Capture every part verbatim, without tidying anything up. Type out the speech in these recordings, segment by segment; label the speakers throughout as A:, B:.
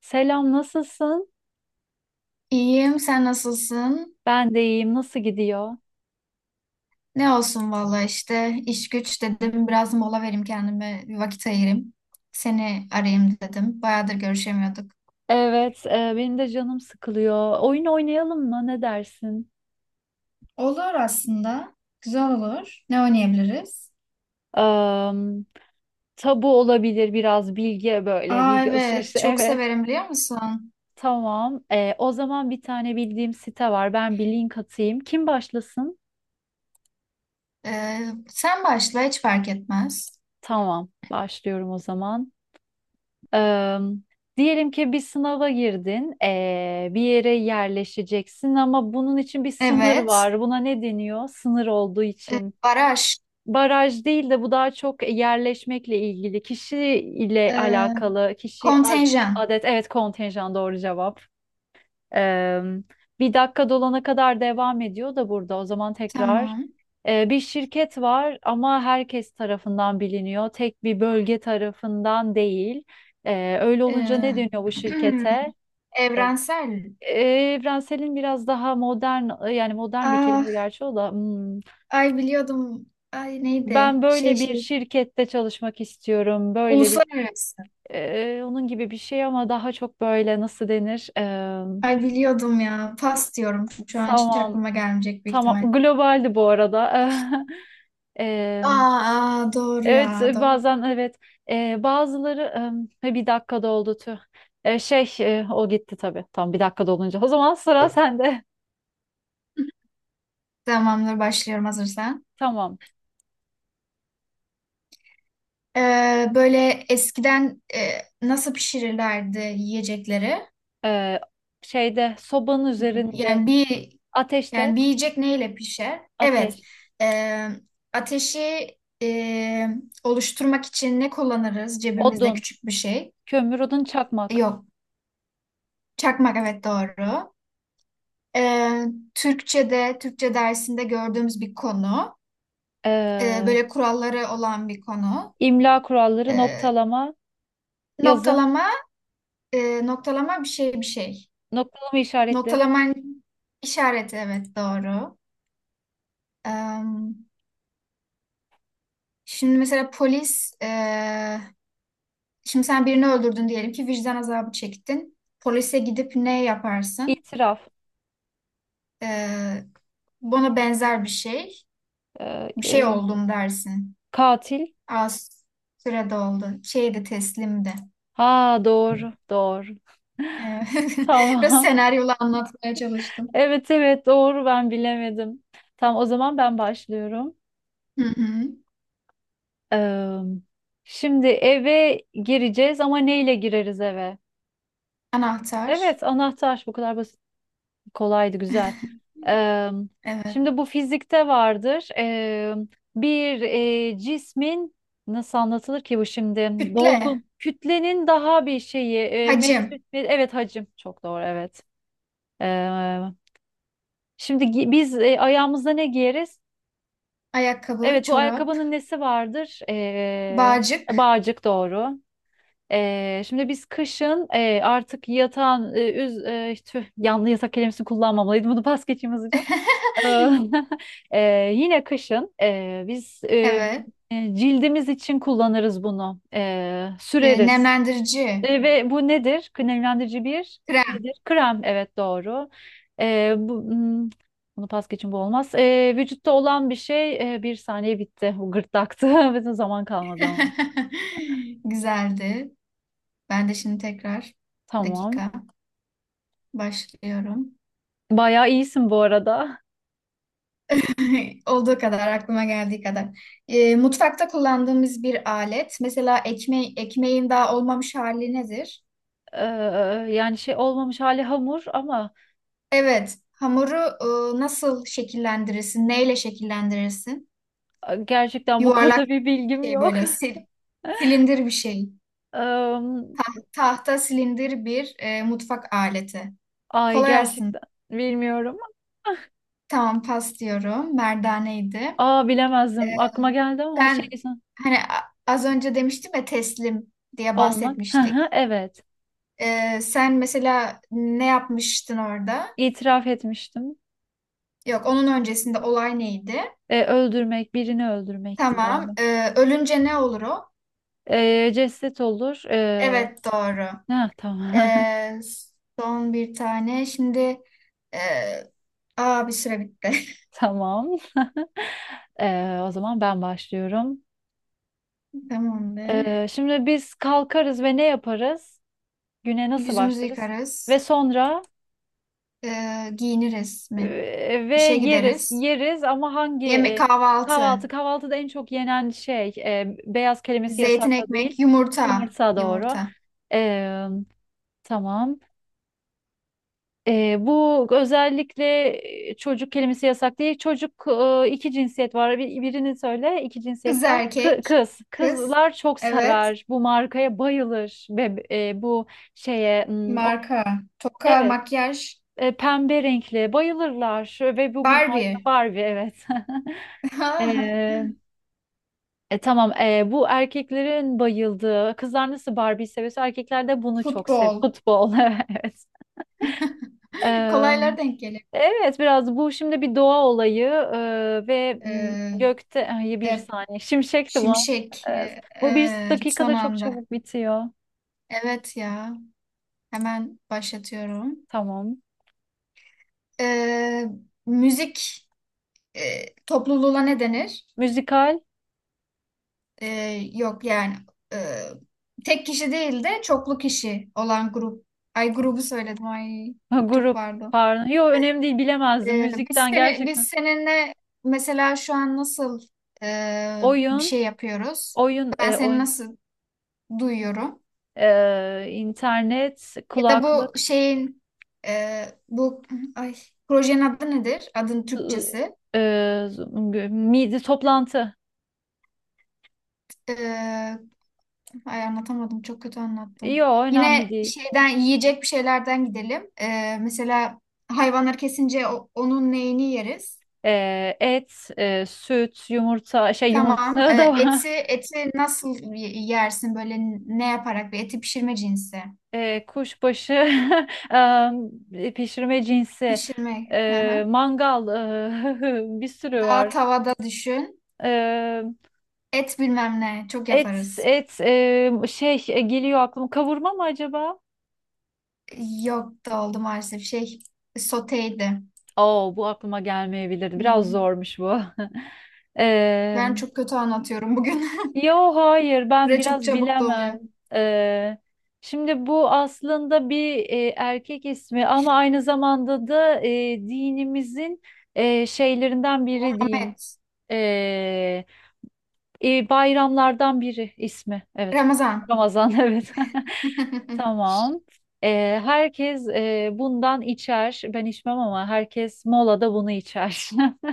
A: Selam, nasılsın?
B: İyiyim, sen nasılsın?
A: Ben de iyiyim. Nasıl gidiyor?
B: Ne olsun valla işte iş güç dedim biraz mola vereyim kendime bir vakit ayırayım. Seni arayayım dedim. Bayağıdır görüşemiyorduk.
A: Evet, e, benim de canım sıkılıyor. Oyun oynayalım mı? Ne dersin?
B: Olur aslında. Güzel olur. Ne oynayabiliriz?
A: Am, tabu olabilir biraz bilgi böyle
B: Aa
A: bilgi
B: evet,
A: alışverişi.
B: çok
A: Evet.
B: severim biliyor musun?
A: Tamam. E, o zaman bir tane bildiğim site var. Ben bir link atayım. Kim başlasın?
B: Ee, sen başla, hiç fark etmez.
A: Tamam. Başlıyorum o zaman. Am, diyelim ki bir sınava girdin. e, bir yere yerleşeceksin ama bunun için bir sınır
B: Evet.
A: var. Buna ne deniyor? Sınır olduğu
B: Ee,
A: için.
B: baraj.
A: Baraj değil de bu daha çok e, yerleşmekle ilgili, kişi ile
B: Ee,
A: alakalı, kişi ad-
B: Kontenjan.
A: adet, evet, kontenjan, doğru cevap. Ee, bir dakika dolana kadar devam ediyor da burada, o zaman tekrar.
B: Tamam.
A: Ee, bir şirket var ama herkes tarafından biliniyor, tek bir bölge tarafından değil. Ee, öyle olunca ne
B: Ee,
A: dönüyor bu şirkete?
B: Evrensel.
A: Ee, evrenselin biraz daha modern, yani modern bir
B: Aa,
A: kelime, gerçi o da hmm.
B: ay biliyordum. Ay
A: Ben
B: neydi? Şey
A: böyle bir
B: şey.
A: şirkette çalışmak istiyorum. Böyle bir
B: Uluslararası.
A: e, onun gibi bir şey ama daha çok böyle, nasıl denir? E,
B: Ay biliyordum ya. Pas diyorum. Şu an hiç
A: tamam,
B: aklıma gelmeyecek büyük
A: tamam.
B: ihtimal.
A: Globaldi bu arada. E,
B: Aa, aa, doğru
A: evet
B: ya. Doğru.
A: bazen evet. E, bazıları e, bir dakikada oldu, tüh. E, şey e, o gitti tabii. Tam bir dakikada olunca. O zaman sıra sende.
B: Tamamdır, başlıyorum hazırsan.
A: Tamam.
B: Ee, böyle eskiden e, nasıl pişirirlerdi yiyecekleri?
A: E, şeyde, sobanın üzerinde,
B: Yani bir
A: ateşte,
B: yani bir yiyecek neyle pişer? Evet.
A: ateş,
B: Ee, Ateşi e, oluşturmak için ne kullanırız? Cebimizde
A: odun,
B: küçük bir şey.
A: kömür, odun, çakmak.
B: Yok. Çakmak, evet doğru. Ee, Türkçe'de, Türkçe dersinde gördüğümüz bir konu. Ee,
A: E,
B: böyle kuralları olan bir konu.
A: İmla kuralları,
B: Ee,
A: noktalama, yazım,
B: Noktalama, e, noktalama, bir şey bir şey.
A: noktalama işaretleri,
B: Noktalaman işareti, evet doğru. Ee, Şimdi mesela polis, e, şimdi sen birini öldürdün diyelim ki, vicdan azabı çektin. Polise gidip ne yaparsın?
A: itiraf,
B: Ee, Buna benzer bir şey.
A: e,
B: Bir şey
A: e,
B: oldum dersin.
A: katil.
B: Az sürede oldu. Şeydi, teslimdi.
A: Ha, doğru, doğru.
B: Evet. Biraz
A: Tamam.
B: senaryola anlatmaya çalıştım.
A: Evet, evet, doğru, ben bilemedim. Tamam, o zaman ben başlıyorum.
B: Hı hı.
A: Eee, şimdi eve gireceğiz, ama neyle gireriz eve?
B: Anahtar.
A: Evet, anahtar, bu kadar basit. Kolaydı, güzel. Eee,
B: Evet.
A: şimdi bu fizikte vardır. Eee, bir eee, cismin, nasıl anlatılır ki bu şimdi?
B: Kütle.
A: Dolgun kütlenin daha bir şeyi eee,
B: Hacim.
A: metre, me- evet, hacim, çok doğru, evet. Eee, şimdi gi- biz eee, ayağımıza ne giyeriz?
B: Ayakkabı,
A: Evet, bu
B: çorap,
A: ayakkabının nesi vardır? Eee
B: bağcık.
A: bağcık doğru. Eee, şimdi biz kışın eee, artık yatan eee, üz eee, tüh, yanlı yatak kelimesini kullanmamalıydım. Bunu pas geçeyim hızlıca. Eee, yine kışın eee, biz eee,
B: Evet.
A: cildimiz için kullanırız bunu. Eee,
B: E,
A: süreriz.
B: nemlendirici.
A: Eee, ve bu nedir? Kremlendirici bir
B: Krem.
A: nedir? Krem. Evet, doğru. Eee, bu, hmm, bunu pas geçin, bu olmaz. Eee, vücutta olan bir şey eee, bir saniye, bitti. Bu gırtlaktı. Bizim zaman kalmadı ama.
B: Güzeldi. Ben de şimdi tekrar bir
A: Tamam.
B: dakika başlıyorum.
A: Bayağı iyisin bu arada.
B: Olduğu kadar, aklıma geldiği kadar. E, mutfakta kullandığımız bir alet. Mesela ekme ekmeğin daha olmamış hali nedir?
A: Eee, yani şey olmamış hali hamur ama
B: Evet. Hamuru e, nasıl şekillendirirsin? Neyle şekillendirirsin?
A: gerçekten bu
B: Yuvarlak
A: konuda bir bilgim
B: bir şey,
A: yok.
B: böyle sil- silindir bir şey.
A: Ee,
B: Tahta silindir bir e, mutfak aleti.
A: Ay
B: Kolay aslında.
A: gerçekten bilmiyorum.
B: Tamam, pas diyorum. Merdaneydi.
A: Aa, bilemezdim. Aklıma geldi ama şey,
B: Ben
A: sen-
B: hani a- az önce demiştim ya, teslim diye
A: olmak. Hı
B: bahsetmiştik.
A: hı, evet.
B: E, sen mesela ne yapmıştın orada?
A: İtiraf etmiştim.
B: Yok, onun öncesinde olay neydi?
A: E, öldürmek, birini öldürmekti galiba.
B: Tamam. E, ölünce ne olur o?
A: E, ceset olur. E,
B: Evet doğru.
A: ha, tamam.
B: Ee, Son bir tane. Şimdi e, aa, bir süre bitti.
A: Tamam. E, o zaman ben başlıyorum. E,
B: Tamamdır.
A: şimdi biz kalkarız ve ne yaparız? Güne nasıl
B: Yüzümüzü
A: başlarız? Ve
B: yıkarız.
A: sonra,
B: Ee, giyiniriz mi?
A: Ee, ve
B: İşe
A: yeriz,
B: gideriz.
A: yeriz ama hangi
B: Yemek,
A: e,
B: kahvaltı.
A: kahvaltı? Kahvaltıda en çok yenen şey, e, beyaz kelimesi
B: Zeytin,
A: yasakla değil,
B: ekmek, yumurta.
A: yumurta, doğru.
B: Yumurta.
A: Ee, tamam. Ee, bu özellikle e, çocuk kelimesi yasak değil. Çocuk. E, iki cinsiyet var. Bir- birini söyle iki
B: Kız,
A: cinsiyetten. Kı-
B: erkek.
A: kız.
B: Kız.
A: Kızlar çok
B: Evet.
A: sever. Bu markaya bayılır. Ve e, bu şeye hmm, o-
B: Marka. Toka,
A: evet,
B: makyaj.
A: e, pembe renkli, bayılırlar. Ve bu bir marka,
B: Barbie.
A: Barbie, evet. Ee, e, tamam. Ee, bu erkeklerin bayıldığı, kızlar nasıl Barbie'yi seviyorsa erkekler de bunu çok seviyor.
B: Futbol.
A: Futbol, evet. Ee,
B: Kolaylar denk gelir.
A: evet, biraz bu şimdi bir doğa olayı, ee, ve mm,
B: Ee,
A: gökte, ay, bir
B: de,
A: saniye, şimşekti bu.
B: şimşek.
A: Evet.
B: Ee,
A: Bu bir
B: e, son
A: dakikada çok
B: anda.
A: çabuk bitiyor.
B: Evet ya. Hemen başlatıyorum.
A: Tamam.
B: Ee, Müzik e, topluluğuna ne denir?
A: Müzikal,
B: Ee, Yok yani, e, tek kişi değil de çoklu kişi olan grup. Ay, grubu söyledim. Ay
A: ha,
B: çok
A: grup,
B: pardon.
A: pardon. Yok, önemli değil, bilemezdim.
B: Ee, biz
A: Müzikten
B: seni biz
A: gerçekten.
B: seninle mesela şu an nasıl e, bir
A: Oyun,
B: şey yapıyoruz?
A: oyun,
B: Ben
A: e,
B: seni
A: oyun.
B: nasıl duyuyorum?
A: Ee, internet,
B: Ya da bu
A: kulaklık.
B: şeyin e, bu ay projenin adı nedir? Adın
A: Z-
B: Türkçesi.
A: e, z- midi toplantı.
B: E, Ay anlatamadım. Çok kötü anlattım.
A: Yo, önemli
B: Yine
A: değil.
B: şeyden, yiyecek bir şeylerden gidelim. Ee, mesela hayvanları kesince o- onun neyini yeriz?
A: E, et, e, süt, yumurta, şey,
B: Tamam.
A: yumurta da
B: Ee,
A: var.
B: eti eti nasıl y- yersin böyle, ne yaparak, bir eti pişirme cinsi.
A: E, kuşbaşı, e, pişirme cinsi,
B: Pişirme. Hı
A: e,
B: hı.
A: mangal, e, bir sürü
B: Daha
A: var.
B: tavada düşün.
A: E,
B: Et bilmem ne. Çok
A: et,
B: yaparız.
A: et, e, şey, e, geliyor aklıma. Kavurma mı acaba?
B: Yok, da oldu maalesef. Şey, soteydi.
A: Oo, bu aklıma gelmeyebilirdi. Biraz
B: Hmm.
A: zormuş bu. E,
B: Ben çok kötü anlatıyorum bugün.
A: Yo hayır, ben
B: Süre çok
A: biraz
B: çabuk doluyor.
A: bilemem. Ee, şimdi bu aslında bir e, erkek ismi ama aynı zamanda da e, dinimizin e, şeylerinden biri diyeyim.
B: Ahmet.
A: Ee, e, bayramlardan biri ismi. Evet.
B: Ramazan.
A: Ramazan, evet. Tamam. Ee, herkes e, bundan içer. Ben içmem ama herkes molada bunu içer.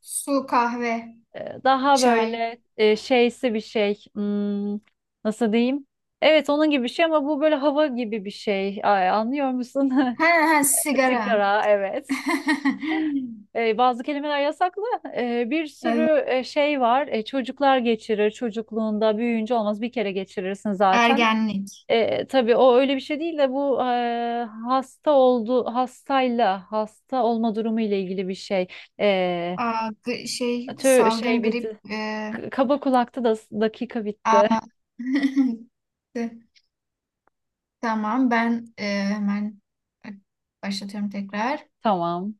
B: Su, kahve,
A: E, Daha
B: çay.
A: böyle e, şeysi bir şey. Hmm, nasıl diyeyim? Evet, onun gibi bir şey ama bu böyle hava gibi bir şey. Ay, anlıyor musun?
B: Ha, ha sigara.
A: Sigara, evet. E, bazı kelimeler yasaklı. E, bir
B: Evet,
A: sürü e, şey var. E, çocuklar geçirir. Çocukluğunda büyüyünce olmaz. Bir kere geçirirsin zaten.
B: ergenlik.
A: E, tabii o öyle bir şey değil de bu e, hasta oldu hastayla hasta olma durumu ile ilgili bir şey. E,
B: Aa, gri- şey,
A: tö şey
B: salgın, grip.
A: bitti.
B: E,
A: K- Kaba kulakta da dakika bitti.
B: aa. Tamam, ben e, hemen başlatıyorum tekrar.
A: Tamam.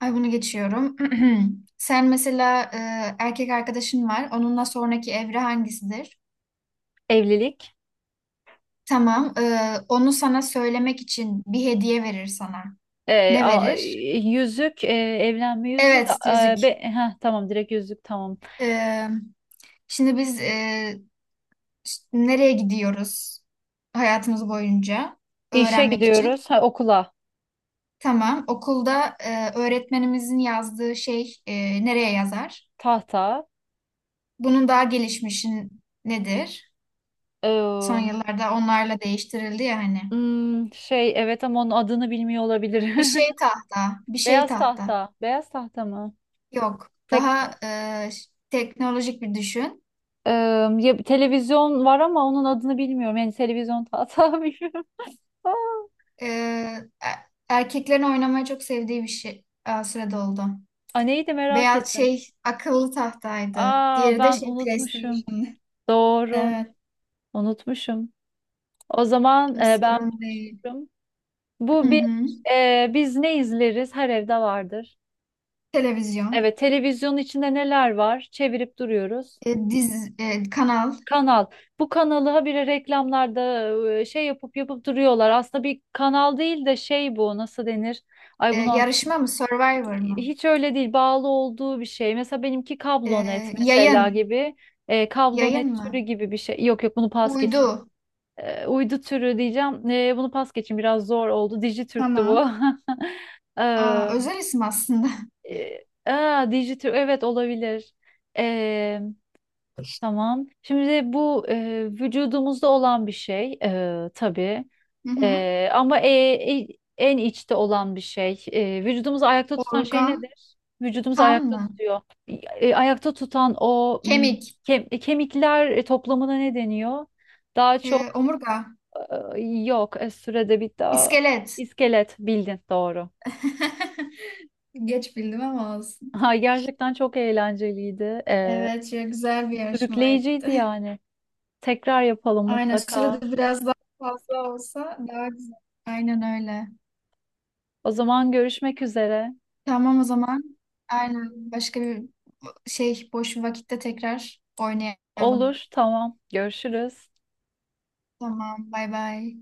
B: Ay, bunu geçiyorum. Sen mesela e, erkek arkadaşın var. Onunla sonraki evre hangisidir?
A: Evlilik.
B: Tamam. E, onu sana söylemek için bir hediye verir sana.
A: Ee,
B: Ne
A: a-
B: verir?
A: yüzük. e, evlenme yüzüğü de.
B: Evet,
A: e, be-
B: yüzük.
A: heh, tamam direkt yüzük, tamam.
B: E, Şimdi biz e, ş- nereye gidiyoruz hayatımız boyunca
A: İşe
B: öğrenmek için?
A: gidiyoruz. Ha, okula.
B: Tamam, okulda e, öğretmenimizin yazdığı şey e, nereye yazar?
A: Tahta.
B: Bunun daha gelişmişi nedir? Son
A: Ee,
B: yıllarda onlarla değiştirildi ya hani.
A: hmm, şey evet, ama onun adını bilmiyor olabilir.
B: Bir şey tahta, bir şey
A: Beyaz
B: tahta.
A: tahta. Beyaz tahta mı?
B: Yok,
A: Tek,
B: daha e, ş- teknolojik bir düşün.
A: Ee, ya, televizyon var ama onun adını bilmiyorum. Yani, televizyon tahta, bilmiyorum.
B: E, e- Erkeklerin oynamayı çok sevdiği bir şey. Aa, süre doldu.
A: Aa, neydi, merak
B: Beyaz
A: ettim.
B: şey, akıllı tahtaydı.
A: Aa,
B: Diğeri de
A: ben
B: şey,
A: unutmuşum.
B: PlayStation.
A: Doğru.
B: Evet,
A: Unutmuşum. O zaman, e, ben
B: sorun değil.
A: başlıyorum.
B: Hı
A: Bu bir
B: hı.
A: e, biz ne izleriz? Her evde vardır.
B: Televizyon,
A: Evet, televizyonun içinde neler var? Çevirip duruyoruz.
B: e, diz, e, kanal,
A: Kanal. Bu kanalı habire reklamlarda e, şey yapıp yapıp duruyorlar. Aslında bir kanal değil de şey, bu nasıl denir? Ay,
B: e,
A: bunu anlat.
B: yarışma mı, Survivor mı?
A: Hiç öyle değil. Bağlı olduğu bir şey. Mesela benimki
B: E,
A: kablonet mesela
B: yayın,
A: gibi. E, kablonet
B: Yayın
A: türü
B: mı?
A: gibi bir şey. Yok, yok, bunu pas geçeyim.
B: Uydu.
A: e, uydu türü diyeceğim. E, bunu pas geçin, biraz zor oldu. Dijitürk'tü bu.
B: Tamam. Aa,
A: Eee,
B: özel isim aslında.
A: e, aa, Dijitürk, evet, olabilir. Eee, tamam. Şimdi bu e, vücudumuzda olan bir şey e, tabii.
B: Hı hı.
A: E, ama e, e- en içte olan bir şey. E, vücudumuzu ayakta tutan şey
B: Organ,
A: nedir? Vücudumuzu
B: kan
A: ayakta
B: mı?
A: tutuyor. E, ayakta tutan o, mm,
B: Kemik,
A: kem- e, kemikler e, toplamına ne deniyor? Daha
B: e,
A: çok
B: omurga,
A: ee, yok, e, sürede bitti. Aa,
B: iskelet.
A: İskelet bildin, doğru.
B: Geç bildim ama olsun.
A: Ha, gerçekten çok eğlenceliydi. Ee,
B: Evet, çok güzel bir yarışmaydı.
A: sürükleyiciydi yani. Tekrar yapalım
B: Aynen,
A: mutlaka.
B: şurada biraz daha fazla olsa daha güzel. Aynen öyle.
A: O zaman, görüşmek üzere.
B: Tamam o zaman. Aynen, başka bir şey boş bir vakitte tekrar oynayalım.
A: Olur, tamam. Görüşürüz.
B: Tamam, bay bay.